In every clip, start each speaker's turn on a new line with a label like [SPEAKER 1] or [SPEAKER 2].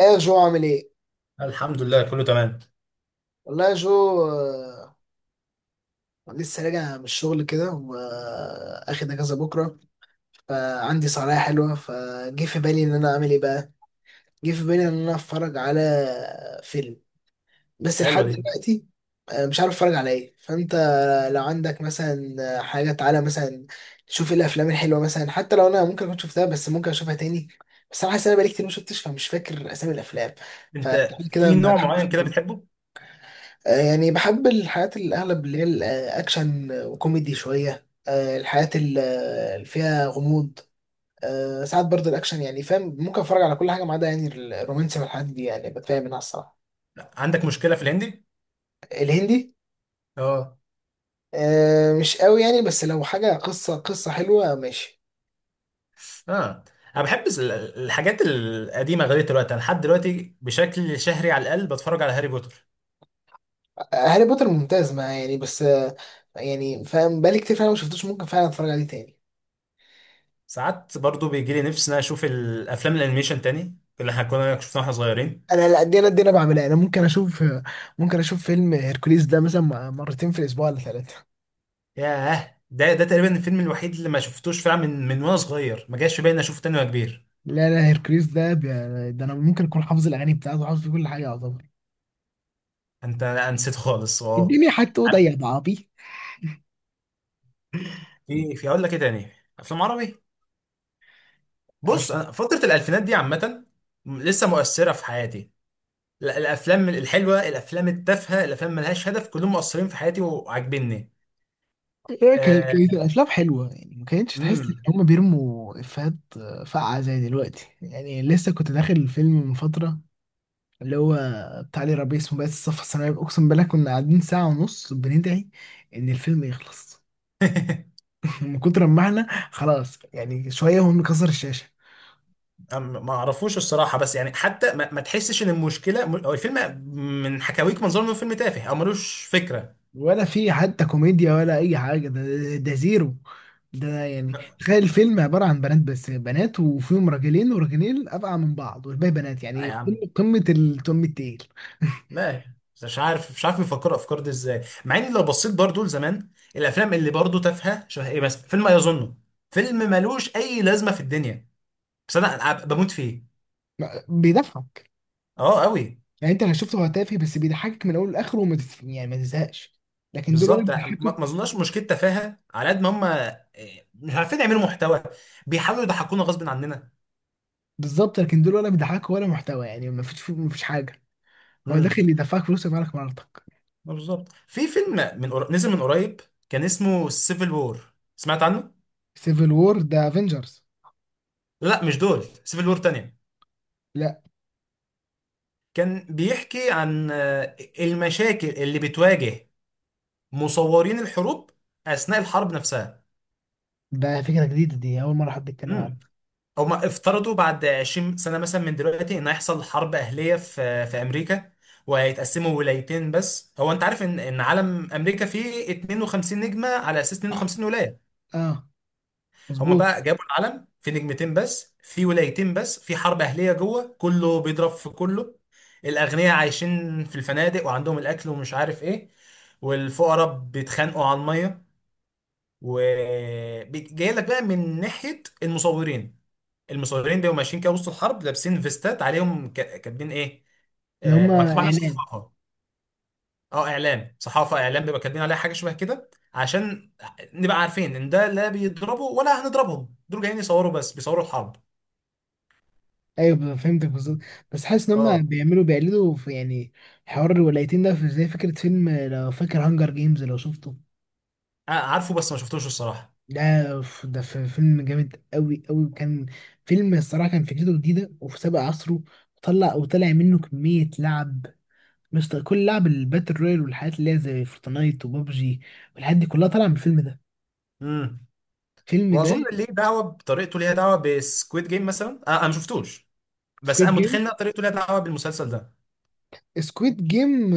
[SPEAKER 1] ايه يا جو عامل ايه؟
[SPEAKER 2] الحمد لله كله تمام.
[SPEAKER 1] والله يا جو لسه راجع من الشغل كده واخد اجازه بكره. فعندي صلاحية حلوه فجه في بالي ان انا اعمل ايه بقى؟ جه في بالي ان انا اتفرج على فيلم بس لحد
[SPEAKER 2] حلوه دي.
[SPEAKER 1] دلوقتي. مش عارف اتفرج على ايه. فانت لو عندك مثلا حاجه تعالى مثلا تشوف ايه الافلام الحلوه مثلا، حتى لو انا ممكن كنت شفتها بس ممكن اشوفها تاني. بس انا حاسس ان انا بقالي كتير ما شفتش، فمش فاكر اسامي الافلام.
[SPEAKER 2] انت
[SPEAKER 1] فتعالى كده
[SPEAKER 2] في
[SPEAKER 1] بقى.
[SPEAKER 2] نوع معين كده بتحبه؟
[SPEAKER 1] يعني بحب الحاجات اللي اغلب اللي هي الاكشن وكوميدي شويه، الحاجات اللي فيها غموض. ساعات برضه الاكشن يعني فاهم، ممكن اتفرج على كل حاجه ما عدا يعني الرومانسي والحاجات دي يعني بتفاهم منها الصراحه.
[SPEAKER 2] عندك مشكله في الهندي؟
[SPEAKER 1] الهندي،
[SPEAKER 2] اه.
[SPEAKER 1] مش قوي يعني، بس لو حاجه قصه حلوه ماشي.
[SPEAKER 2] اه انا بحب الحاجات القديمه لغايه دلوقتي، انا لحد دلوقتي بشكل شهري على الاقل بتفرج على هاري بوتر.
[SPEAKER 1] هاري بوتر ممتاز ما يعني، بس يعني فاهم بقالي كتير فعلا ما شفتوش، ممكن فعلا اتفرج عليه تاني.
[SPEAKER 2] ساعات برضو بيجي لي نفسي ان أنا اشوف الافلام الانيميشن تاني اللي احنا كنا شفناها واحنا صغيرين.
[SPEAKER 1] انا لا، دي انا بعملها، انا ممكن اشوف، ممكن اشوف فيلم هيركوليس ده مثلا مرتين في الاسبوع ولا ثلاثه.
[SPEAKER 2] ياه، ده تقريبا الفيلم الوحيد اللي ما شفتوش فعلا من وانا صغير ما جاش في بالي إني اشوفه تاني وانا كبير.
[SPEAKER 1] لا لا، هيركليس ده ده انا ممكن اكون حافظ الاغاني بتاعته، حافظ كل حاجه يعتبر
[SPEAKER 2] انت أنا نسيت خالص، اه.
[SPEAKER 1] الدنيا، حتى اوضه يا بعبي.
[SPEAKER 2] في اقول لك ايه تاني، افلام عربي.
[SPEAKER 1] أف-
[SPEAKER 2] بص، أنا فترة الألفينات دي عامة لسه مؤثرة في حياتي. الأفلام الحلوة، الأفلام التافهة، الأفلام ملهاش هدف، كلهم مؤثرين في حياتي وعاجبني.
[SPEAKER 1] هيك
[SPEAKER 2] آه،
[SPEAKER 1] هيركليس الافلام حلوه يعني، ما كانتش تحس ان
[SPEAKER 2] امم
[SPEAKER 1] هم بيرموا افيهات فقعه زي دلوقتي. يعني لسه كنت داخل الفيلم من فتره اللي هو بتاع لي ربيع اسمه بس الصف الثانوي. اقسم بالله كنا قاعدين ساعه ونص بندعي ان الفيلم يخلص. من كتر ما احنا خلاص يعني شويه وهم كسر الشاشه.
[SPEAKER 2] ما اعرفوش الصراحة، بس يعني حتى ما تحسش إن المشكلة هو الفيلم، من حكاويك منظر إنه فيلم تافه أو ملوش فكرة.
[SPEAKER 1] ولا في حتى كوميديا ولا اي حاجه. ده، ده زيرو. ده يعني
[SPEAKER 2] لا.
[SPEAKER 1] تخيل الفيلم عباره عن بنات، بس بنات وفيهم راجلين، وراجلين ابقى من بعض والباقي بنات.
[SPEAKER 2] لا
[SPEAKER 1] يعني
[SPEAKER 2] يا عم.
[SPEAKER 1] قمه التقيل.
[SPEAKER 2] لا. مش عارف بيفكروا الأفكار دي إزاي. مع إن لو بصيت برضو لزمان، الأفلام اللي برضو تافهة شبه إيه، مثلا فيلم أيظنه، فيلم ملوش أي لازمة في الدنيا، بس أنا بموت فيه.
[SPEAKER 1] بيضحك
[SPEAKER 2] اه قوي.
[SPEAKER 1] يعني، انت لو شفته هو تافه بس بيضحكك من اول لاخره، يعني ما تزهقش. لكن دول ولا
[SPEAKER 2] بالظبط، ما
[SPEAKER 1] بيضحكوا.
[SPEAKER 2] ما اظنش مشكله تفاهه على قد ما هم إيه، مش عارفين يعملوا محتوى، بيحاولوا يضحكونا غصب عننا.
[SPEAKER 1] بالظبط، لكن دول ولا بيضحكوا ولا محتوى. يعني ما فيش حاجه. هو
[SPEAKER 2] امم.
[SPEAKER 1] داخل يدفعك فلوس يبقى مراتك.
[SPEAKER 2] بالظبط. في فيلم نزل من قريب، كان اسمه سيفل وور، سمعت عنه؟
[SPEAKER 1] سيفل وور ده افنجرز؟
[SPEAKER 2] لا مش دول، سيفل وور تانية،
[SPEAKER 1] لا.
[SPEAKER 2] كان بيحكي عن المشاكل اللي بتواجه مصورين الحروب اثناء الحرب نفسها.
[SPEAKER 1] ده فكره جديده دي، اول مره حد يتكلم عنها.
[SPEAKER 2] هما افترضوا بعد 20 سنة مثلا من دلوقتي ان هيحصل حرب اهلية في امريكا وهيتقسموا ولايتين. بس هو انت عارف ان علم امريكا فيه 52 نجمة على اساس 52 ولاية؟
[SPEAKER 1] اه،
[SPEAKER 2] هما
[SPEAKER 1] مظبوط.
[SPEAKER 2] بقى جابوا العلم في نجمتين بس، في ولايتين بس في حرب اهلية جوه، كله بيضرب في كله. الاغنياء عايشين في الفنادق وعندهم الاكل ومش عارف ايه، والفقراء بيتخانقوا على المية. وجاي لك بقى من ناحيه المصورين، المصورين بيبقوا ماشيين كده وسط الحرب لابسين فيستات عليهم كاتبين ايه،
[SPEAKER 1] ان هم
[SPEAKER 2] مكتوب عليها
[SPEAKER 1] اعلام.
[SPEAKER 2] صحافه. اه اعلام، صحافه، اعلام، بيبقى كاتبين عليها حاجه شبه كده عشان نبقى عارفين ان ده لا بيضربوا ولا هنضربهم، دول جايين يصوروا بس، بيصوروا الحرب.
[SPEAKER 1] ايوه، فهمتك بالظبط. بس حاسس ان هم
[SPEAKER 2] اه.
[SPEAKER 1] بيقلدوا في يعني حوار الولايتين ده في زي فكره فيلم لو فاكر، هانجر جيمز، لو شفته.
[SPEAKER 2] عارفه بس ما شفتوش الصراحه.
[SPEAKER 1] ده في فيلم جامد قوي وكان فيلم الصراحه كان فكرته جديده وفي سابق عصره. طلع وطلع منه كميه لعب مش طبيعي. كل لعب الباتل رويال والحاجات اللي هي زي فورتنايت وبابجي والحاجات دي كلها طالعه من الفيلم ده،
[SPEAKER 2] امم.
[SPEAKER 1] الفيلم ده.
[SPEAKER 2] واظن ليه دعوه، بطريقته ليها دعوه بسكويد جيم مثلا. انا ما شفتوش، بس انا
[SPEAKER 1] سكويد جيم
[SPEAKER 2] متخيل ان طريقته ليها دعوه بالمسلسل ده.
[SPEAKER 1] سكويد جيم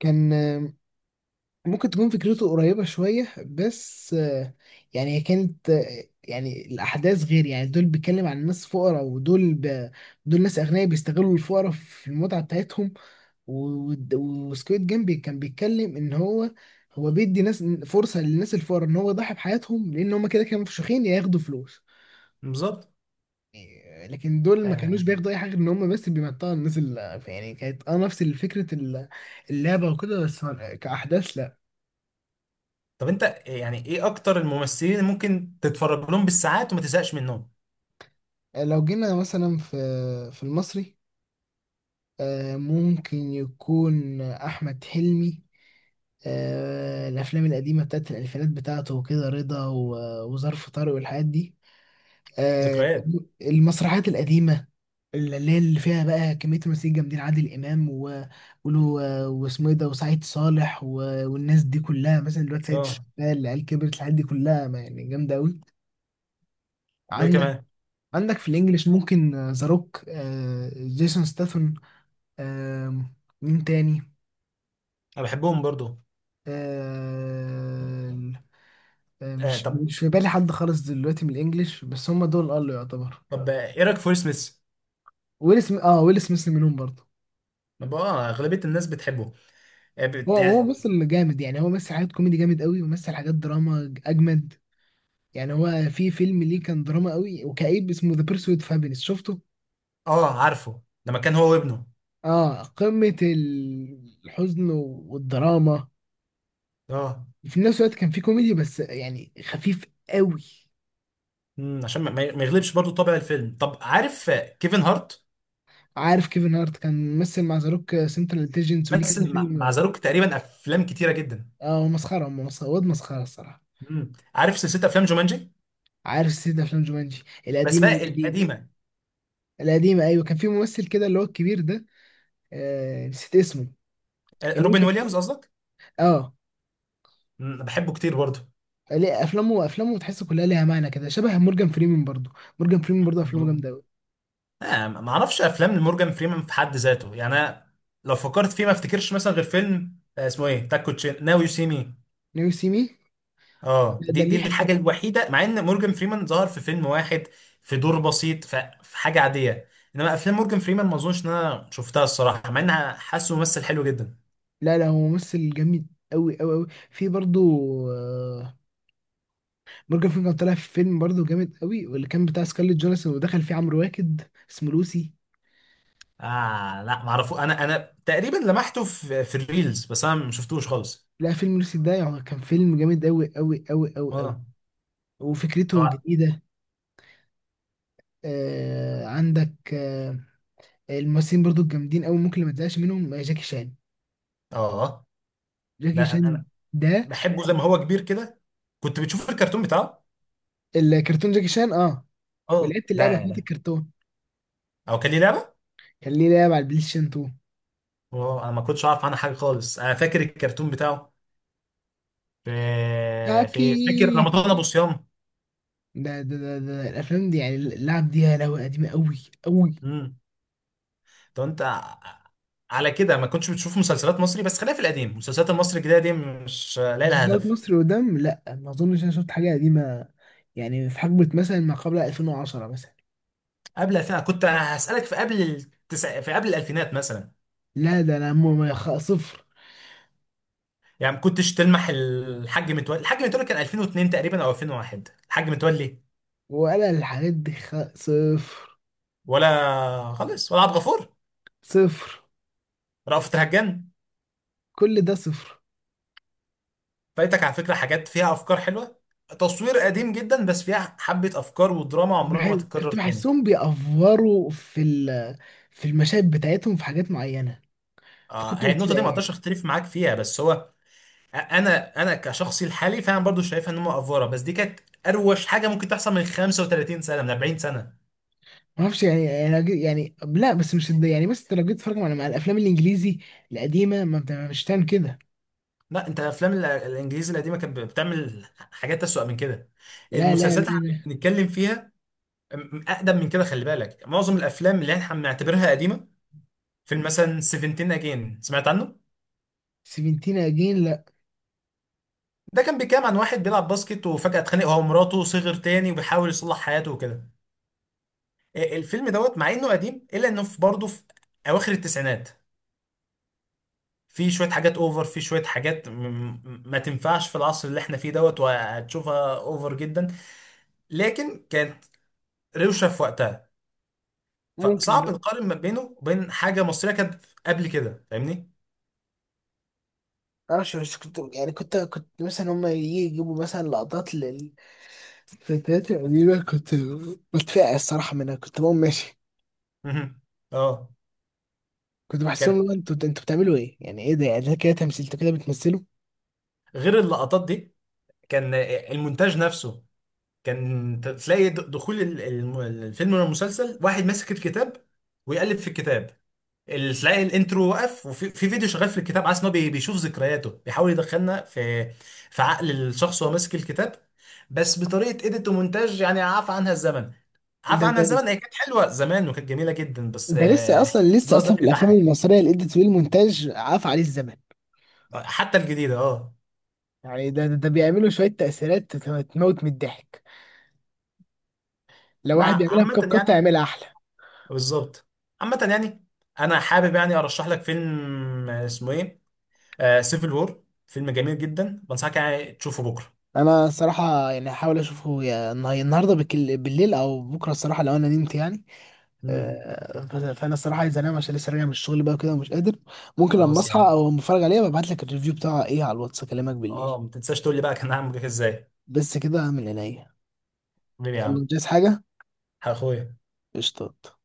[SPEAKER 1] كان ممكن تكون فكرته قريبة شوية، بس يعني هي كانت، يعني الأحداث غير. يعني دول بيتكلم عن ناس فقراء، دول ناس أغنياء بيستغلوا الفقراء في المتعة بتاعتهم. وسكويد جيم كان بيتكلم إن هو بيدي ناس فرصة للناس الفقراء إن هو يضحي بحياتهم، لأن هما كده كانوا مفشوخين يا ياخدوا فلوس.
[SPEAKER 2] بالظبط.
[SPEAKER 1] يعني، لكن دول ما كانوش
[SPEAKER 2] آه.
[SPEAKER 1] بياخدوا أي حاجة غير إن هما بس بيمتعوا الناس. اللي يعني كانت أه نفس فكرة اللعبة وكده بس، كأحداث.
[SPEAKER 2] طب انت يعني ايه اكتر الممثلين اللي ممكن تتفرج لهم بالساعات وما تزهقش منهم؟
[SPEAKER 1] لو جينا مثلا في في المصري، ممكن يكون أحمد حلمي، الأفلام القديمة بتاعت الألفينات بتاعته وكده، رضا، وظرف طارق والحاجات دي. آه،
[SPEAKER 2] ذكريات.
[SPEAKER 1] المسرحيات القديمة اللي هي اللي فيها بقى كمية ممثلين جامدين، عادل إمام واسمه إيه ده، وسعيد صالح والناس دي كلها، مثلا دلوقتي سيد
[SPEAKER 2] اه.
[SPEAKER 1] الشغال، العيال كبرت، الحاجات دي كلها يعني جامدة أوي.
[SPEAKER 2] وايه
[SPEAKER 1] عندك
[SPEAKER 2] كمان؟
[SPEAKER 1] عندك في الإنجليش ممكن ذا روك، جيسون ستاثام، آم، مين تاني؟
[SPEAKER 2] انا بحبهم برضو.
[SPEAKER 1] آم، آم،
[SPEAKER 2] آه
[SPEAKER 1] مش
[SPEAKER 2] طب.
[SPEAKER 1] مش في بالي حد خالص دلوقتي من الانجليش، بس هم دول قالوا يعتبر.
[SPEAKER 2] طب ايه رايك في ويل سميث؟
[SPEAKER 1] ويل سميث، اه ويل سميث منهم برضه.
[SPEAKER 2] ما بقى- اه اغلبيه الناس بتحبه.
[SPEAKER 1] هو هو
[SPEAKER 2] يعني.
[SPEAKER 1] بس اللي جامد يعني، هو مثل حاجات كوميدي جامد قوي ومثل حاجات دراما اجمد. يعني هو في فيلم ليه كان دراما قوي وكئيب اسمه ذا بيرسويت اوف هابينس، شفته؟
[SPEAKER 2] اه عارفه، لما كان هو وابنه.
[SPEAKER 1] اه، قمة الحزن والدراما.
[SPEAKER 2] اه.
[SPEAKER 1] في نفس الوقت كان في كوميدي بس يعني خفيف قوي.
[SPEAKER 2] عشان ما يغلبش برضو طابع الفيلم. طب عارف كيفن هارت؟
[SPEAKER 1] عارف كيفن هارت؟ كان ممثل مع زاروك سنترال انتليجنس وليه كذا
[SPEAKER 2] مثل مع
[SPEAKER 1] فيلم.
[SPEAKER 2] ذا روك تقريبا افلام كتيره جدا.
[SPEAKER 1] اه هو مسخره، هم مسخره، واد مسخره الصراحه.
[SPEAKER 2] امم. عارف سلسله افلام جومانجي؟
[SPEAKER 1] عارف سلسله افلام جومانجي
[SPEAKER 2] بس
[SPEAKER 1] القديمه
[SPEAKER 2] بقى
[SPEAKER 1] والجديده.
[SPEAKER 2] القديمه.
[SPEAKER 1] القديمه ايوه، كان في ممثل كده اللي هو الكبير ده. آه نسيت اسمه. اللي هو
[SPEAKER 2] روبن
[SPEAKER 1] كان،
[SPEAKER 2] ويليامز قصدك.
[SPEAKER 1] اه.
[SPEAKER 2] انا بحبه كتير برضو.
[SPEAKER 1] ليه افلامه، افلامه تحس كلها ليها معنى كده، شبه مورجان فريمان برضو. مورجان فريمان برضو افلامه جامده قوي.
[SPEAKER 2] ما اعرفش افلام لمورجان فريمان في حد ذاته، يعني انا لو فكرت فيه ما افتكرش مثلا غير فيلم اسمه ايه، تاكو تشين، ناو يو سي مي.
[SPEAKER 1] ناو سي مي؟
[SPEAKER 2] اه،
[SPEAKER 1] ده
[SPEAKER 2] دي
[SPEAKER 1] ليه حته.
[SPEAKER 2] الحاجه الوحيده، مع ان مورجان فريمان ظهر في فيلم واحد في دور بسيط، في حاجه عاديه. انما افلام مورجان فريمان ما اظنش ان انا شفتها الصراحه، مع انها حاسه ممثل حلو جدا.
[SPEAKER 1] لا لا، هو ممثل جامد قوي في برضو. مورجان فريمان طلع في فيلم برضه جامد قوي، واللي كان بتاع سكارليت جونسون ودخل فيه عمرو واكد، اسمه لوسي.
[SPEAKER 2] اه لا ما اعرفه، انا تقريبا لمحته في الريلز، بس انا ما شفتوش خالص.
[SPEAKER 1] لا فيلم لوسي ده يعني كان فيلم جامد قوي،
[SPEAKER 2] اه.
[SPEAKER 1] وفكرته
[SPEAKER 2] طبعا.
[SPEAKER 1] جديدة. آه عندك آه، الممثلين برضه الجامدين قوي ممكن اللي ما تزهقش منهم، جاكي شان.
[SPEAKER 2] اه ده
[SPEAKER 1] جاكي
[SPEAKER 2] انا
[SPEAKER 1] شان
[SPEAKER 2] أنا
[SPEAKER 1] ده
[SPEAKER 2] بحبه. زي ما هو كبير كده كنت بتشوف الكرتون بتاعه.
[SPEAKER 1] الكرتون. جاكي شان اه،
[SPEAKER 2] اه
[SPEAKER 1] ولعبت
[SPEAKER 2] ده
[SPEAKER 1] اللعبة بتاعت
[SPEAKER 2] يعني.
[SPEAKER 1] الكرتون.
[SPEAKER 2] او كان ليه لعبه؟
[SPEAKER 1] كان ليه لعبة على البلاي ستيشن 2.
[SPEAKER 2] اه انا ما كنتش اعرف عنها حاجه خالص، انا فاكر الكرتون بتاعه في. في فاكر
[SPEAKER 1] جاكي،
[SPEAKER 2] رمضان ابو صيام.
[SPEAKER 1] ده الافلام دي يعني، اللعب دي يا لهوي قديمة قوي.
[SPEAKER 2] امم. طب انت على كده ما كنتش بتشوف مسلسلات مصري. بس خلينا في القديم، المسلسلات المصري الجديده دي مش لاقي لها
[SPEAKER 1] مسلسلات
[SPEAKER 2] هدف.
[SPEAKER 1] مصري قدام، لا ما اظنش انا شفت حاجه قديمه. يعني في حقبه مثلا ما قبل 2010 مثلا.
[SPEAKER 2] قبل الفين كنت هسالك، في قبل الالفينات مثلا،
[SPEAKER 1] لا، ده انا ما خ- صفر.
[SPEAKER 2] يعني ما كنتش تلمح الحاج متولي؟ الحاج متولي كان 2002 تقريبا او 2001. الحاج متولي
[SPEAKER 1] ولا الحاجات دي خ... صفر.
[SPEAKER 2] ولا خالص؟ ولا عبد الغفور؟
[SPEAKER 1] صفر.
[SPEAKER 2] رأفت الهجان؟
[SPEAKER 1] كل ده صفر.
[SPEAKER 2] فايتك على فكرة حاجات فيها أفكار حلوة، تصوير قديم جدا بس فيها حبة أفكار ودراما
[SPEAKER 1] بح...
[SPEAKER 2] عمرها ما تتكرر
[SPEAKER 1] كنت
[SPEAKER 2] تاني.
[SPEAKER 1] بحسهم بيأفوروا في في المشاهد بتاعتهم في حاجات معينه، فكنت
[SPEAKER 2] آه هي النقطة دي ما
[SPEAKER 1] بتضايق يعني.
[SPEAKER 2] أقدرش أختلف معاك فيها، بس هو أنا كشخصي الحالي فعلا برضو شايفها إن هم أفورة، بس دي كانت أروش حاجة ممكن تحصل من 35 سنة، من 40 سنة.
[SPEAKER 1] ما اعرفش يعني، يعني لا، بس مش الد- يعني بس انت لو جيت تتفرج على مع الافلام الانجليزي القديمه ما بت- مش هتعمل كده.
[SPEAKER 2] لا، أنت أفلام الإنجليزي القديمة كانت بتعمل حاجات أسوأ من كده.
[SPEAKER 1] لا لا لا
[SPEAKER 2] المسلسلات اللي إحنا
[SPEAKER 1] لا
[SPEAKER 2] بنتكلم فيها أقدم من كده، خلي بالك معظم الأفلام اللي إحنا بنعتبرها قديمة، فيلم مثلا 17 أجين، سمعت عنه؟
[SPEAKER 1] سيفنتين اجين، لا.
[SPEAKER 2] ده كان بيتكلم عن واحد بيلعب باسكت وفجأة اتخانق هو ومراته، صغر تاني وبيحاول يصلح حياته وكده. إيه، الفيلم دوت مع انه قديم الا انه في برضه في اواخر التسعينات في شوية حاجات اوفر، في شوية حاجات ما تنفعش في العصر اللي احنا فيه دوت، وهتشوفها اوفر جدا. لكن كانت روشة في وقتها.
[SPEAKER 1] ممكن.
[SPEAKER 2] فصعب نقارن ما بينه وبين حاجة مصرية كانت قبل كده. فاهمني؟
[SPEAKER 1] انا مش كنت يعني، كنت مثلا هم يجي يجيبوا مثلا لقطات للفتيات القديمه، كنت بتفقع الصراحه منها، كنت بقوم ماشي.
[SPEAKER 2] مهم. اه.
[SPEAKER 1] كنت بحسهم،
[SPEAKER 2] كان
[SPEAKER 1] لو انتوا بتعملوا ايه يعني، ايه ده يعني، ده كده تمثيل؟ انتوا كده بتمثلوا؟
[SPEAKER 2] غير اللقطات دي، كان المونتاج نفسه كان تلاقي دخول الفيلم ولا المسلسل، واحد ماسك الكتاب ويقلب في الكتاب، تلاقي الانترو واقف وفي في فيديو شغال في الكتاب، عايز ان هو بيشوف ذكرياته، بيحاول يدخلنا في عقل الشخص وهو ماسك الكتاب، بس بطريقه ايديت ومونتاج يعني عفى عنها الزمن. عفى
[SPEAKER 1] ده
[SPEAKER 2] عنها
[SPEAKER 1] ده
[SPEAKER 2] الزمن، هي كانت حلوه زمان وكانت جميله جدا، بس
[SPEAKER 1] ده لسه
[SPEAKER 2] ده
[SPEAKER 1] اصلا، لسه اصلا
[SPEAKER 2] دلوقتي
[SPEAKER 1] في الافلام
[SPEAKER 2] بيضحك.
[SPEAKER 1] المصريه الايديت والمونتاج عاف عليه الزمن.
[SPEAKER 2] حتى الجديده اه.
[SPEAKER 1] يعني ده بيعملوا شويه تموت من الضحك. لو
[SPEAKER 2] انا
[SPEAKER 1] واحد يعملها
[SPEAKER 2] عامه
[SPEAKER 1] بكاب قطه
[SPEAKER 2] يعني.
[SPEAKER 1] يعملها احلى.
[SPEAKER 2] بالظبط. عامه يعني، انا حابب يعني ارشح لك فيلم اسمه ايه، سيفل وور، فيلم جميل جدا، بنصحك يعني تشوفه بكره.
[SPEAKER 1] انا الصراحه يعني هحاول اشوفه يا النهارده بالليل او بكره الصراحه لو انا نمت يعني.
[SPEAKER 2] امم.
[SPEAKER 1] فانا الصراحه عايز انام عشان لسه راجع من الشغل بقى كده ومش قادر. ممكن لما
[SPEAKER 2] خلاص
[SPEAKER 1] اصحى
[SPEAKER 2] يعني.
[SPEAKER 1] او لما اتفرج عليها ببعت لك الريفيو بتاعها ايه على الواتس، اكلمك بالليل.
[SPEAKER 2] اه، ما تنساش تقول لي بقى كان عامل معاك ازاي.
[SPEAKER 1] بس كده، من عينيا.
[SPEAKER 2] حبيبي يا
[SPEAKER 1] يلا،
[SPEAKER 2] عم.
[SPEAKER 1] مش عايز حاجه.
[SPEAKER 2] اخويا.
[SPEAKER 1] قشطات.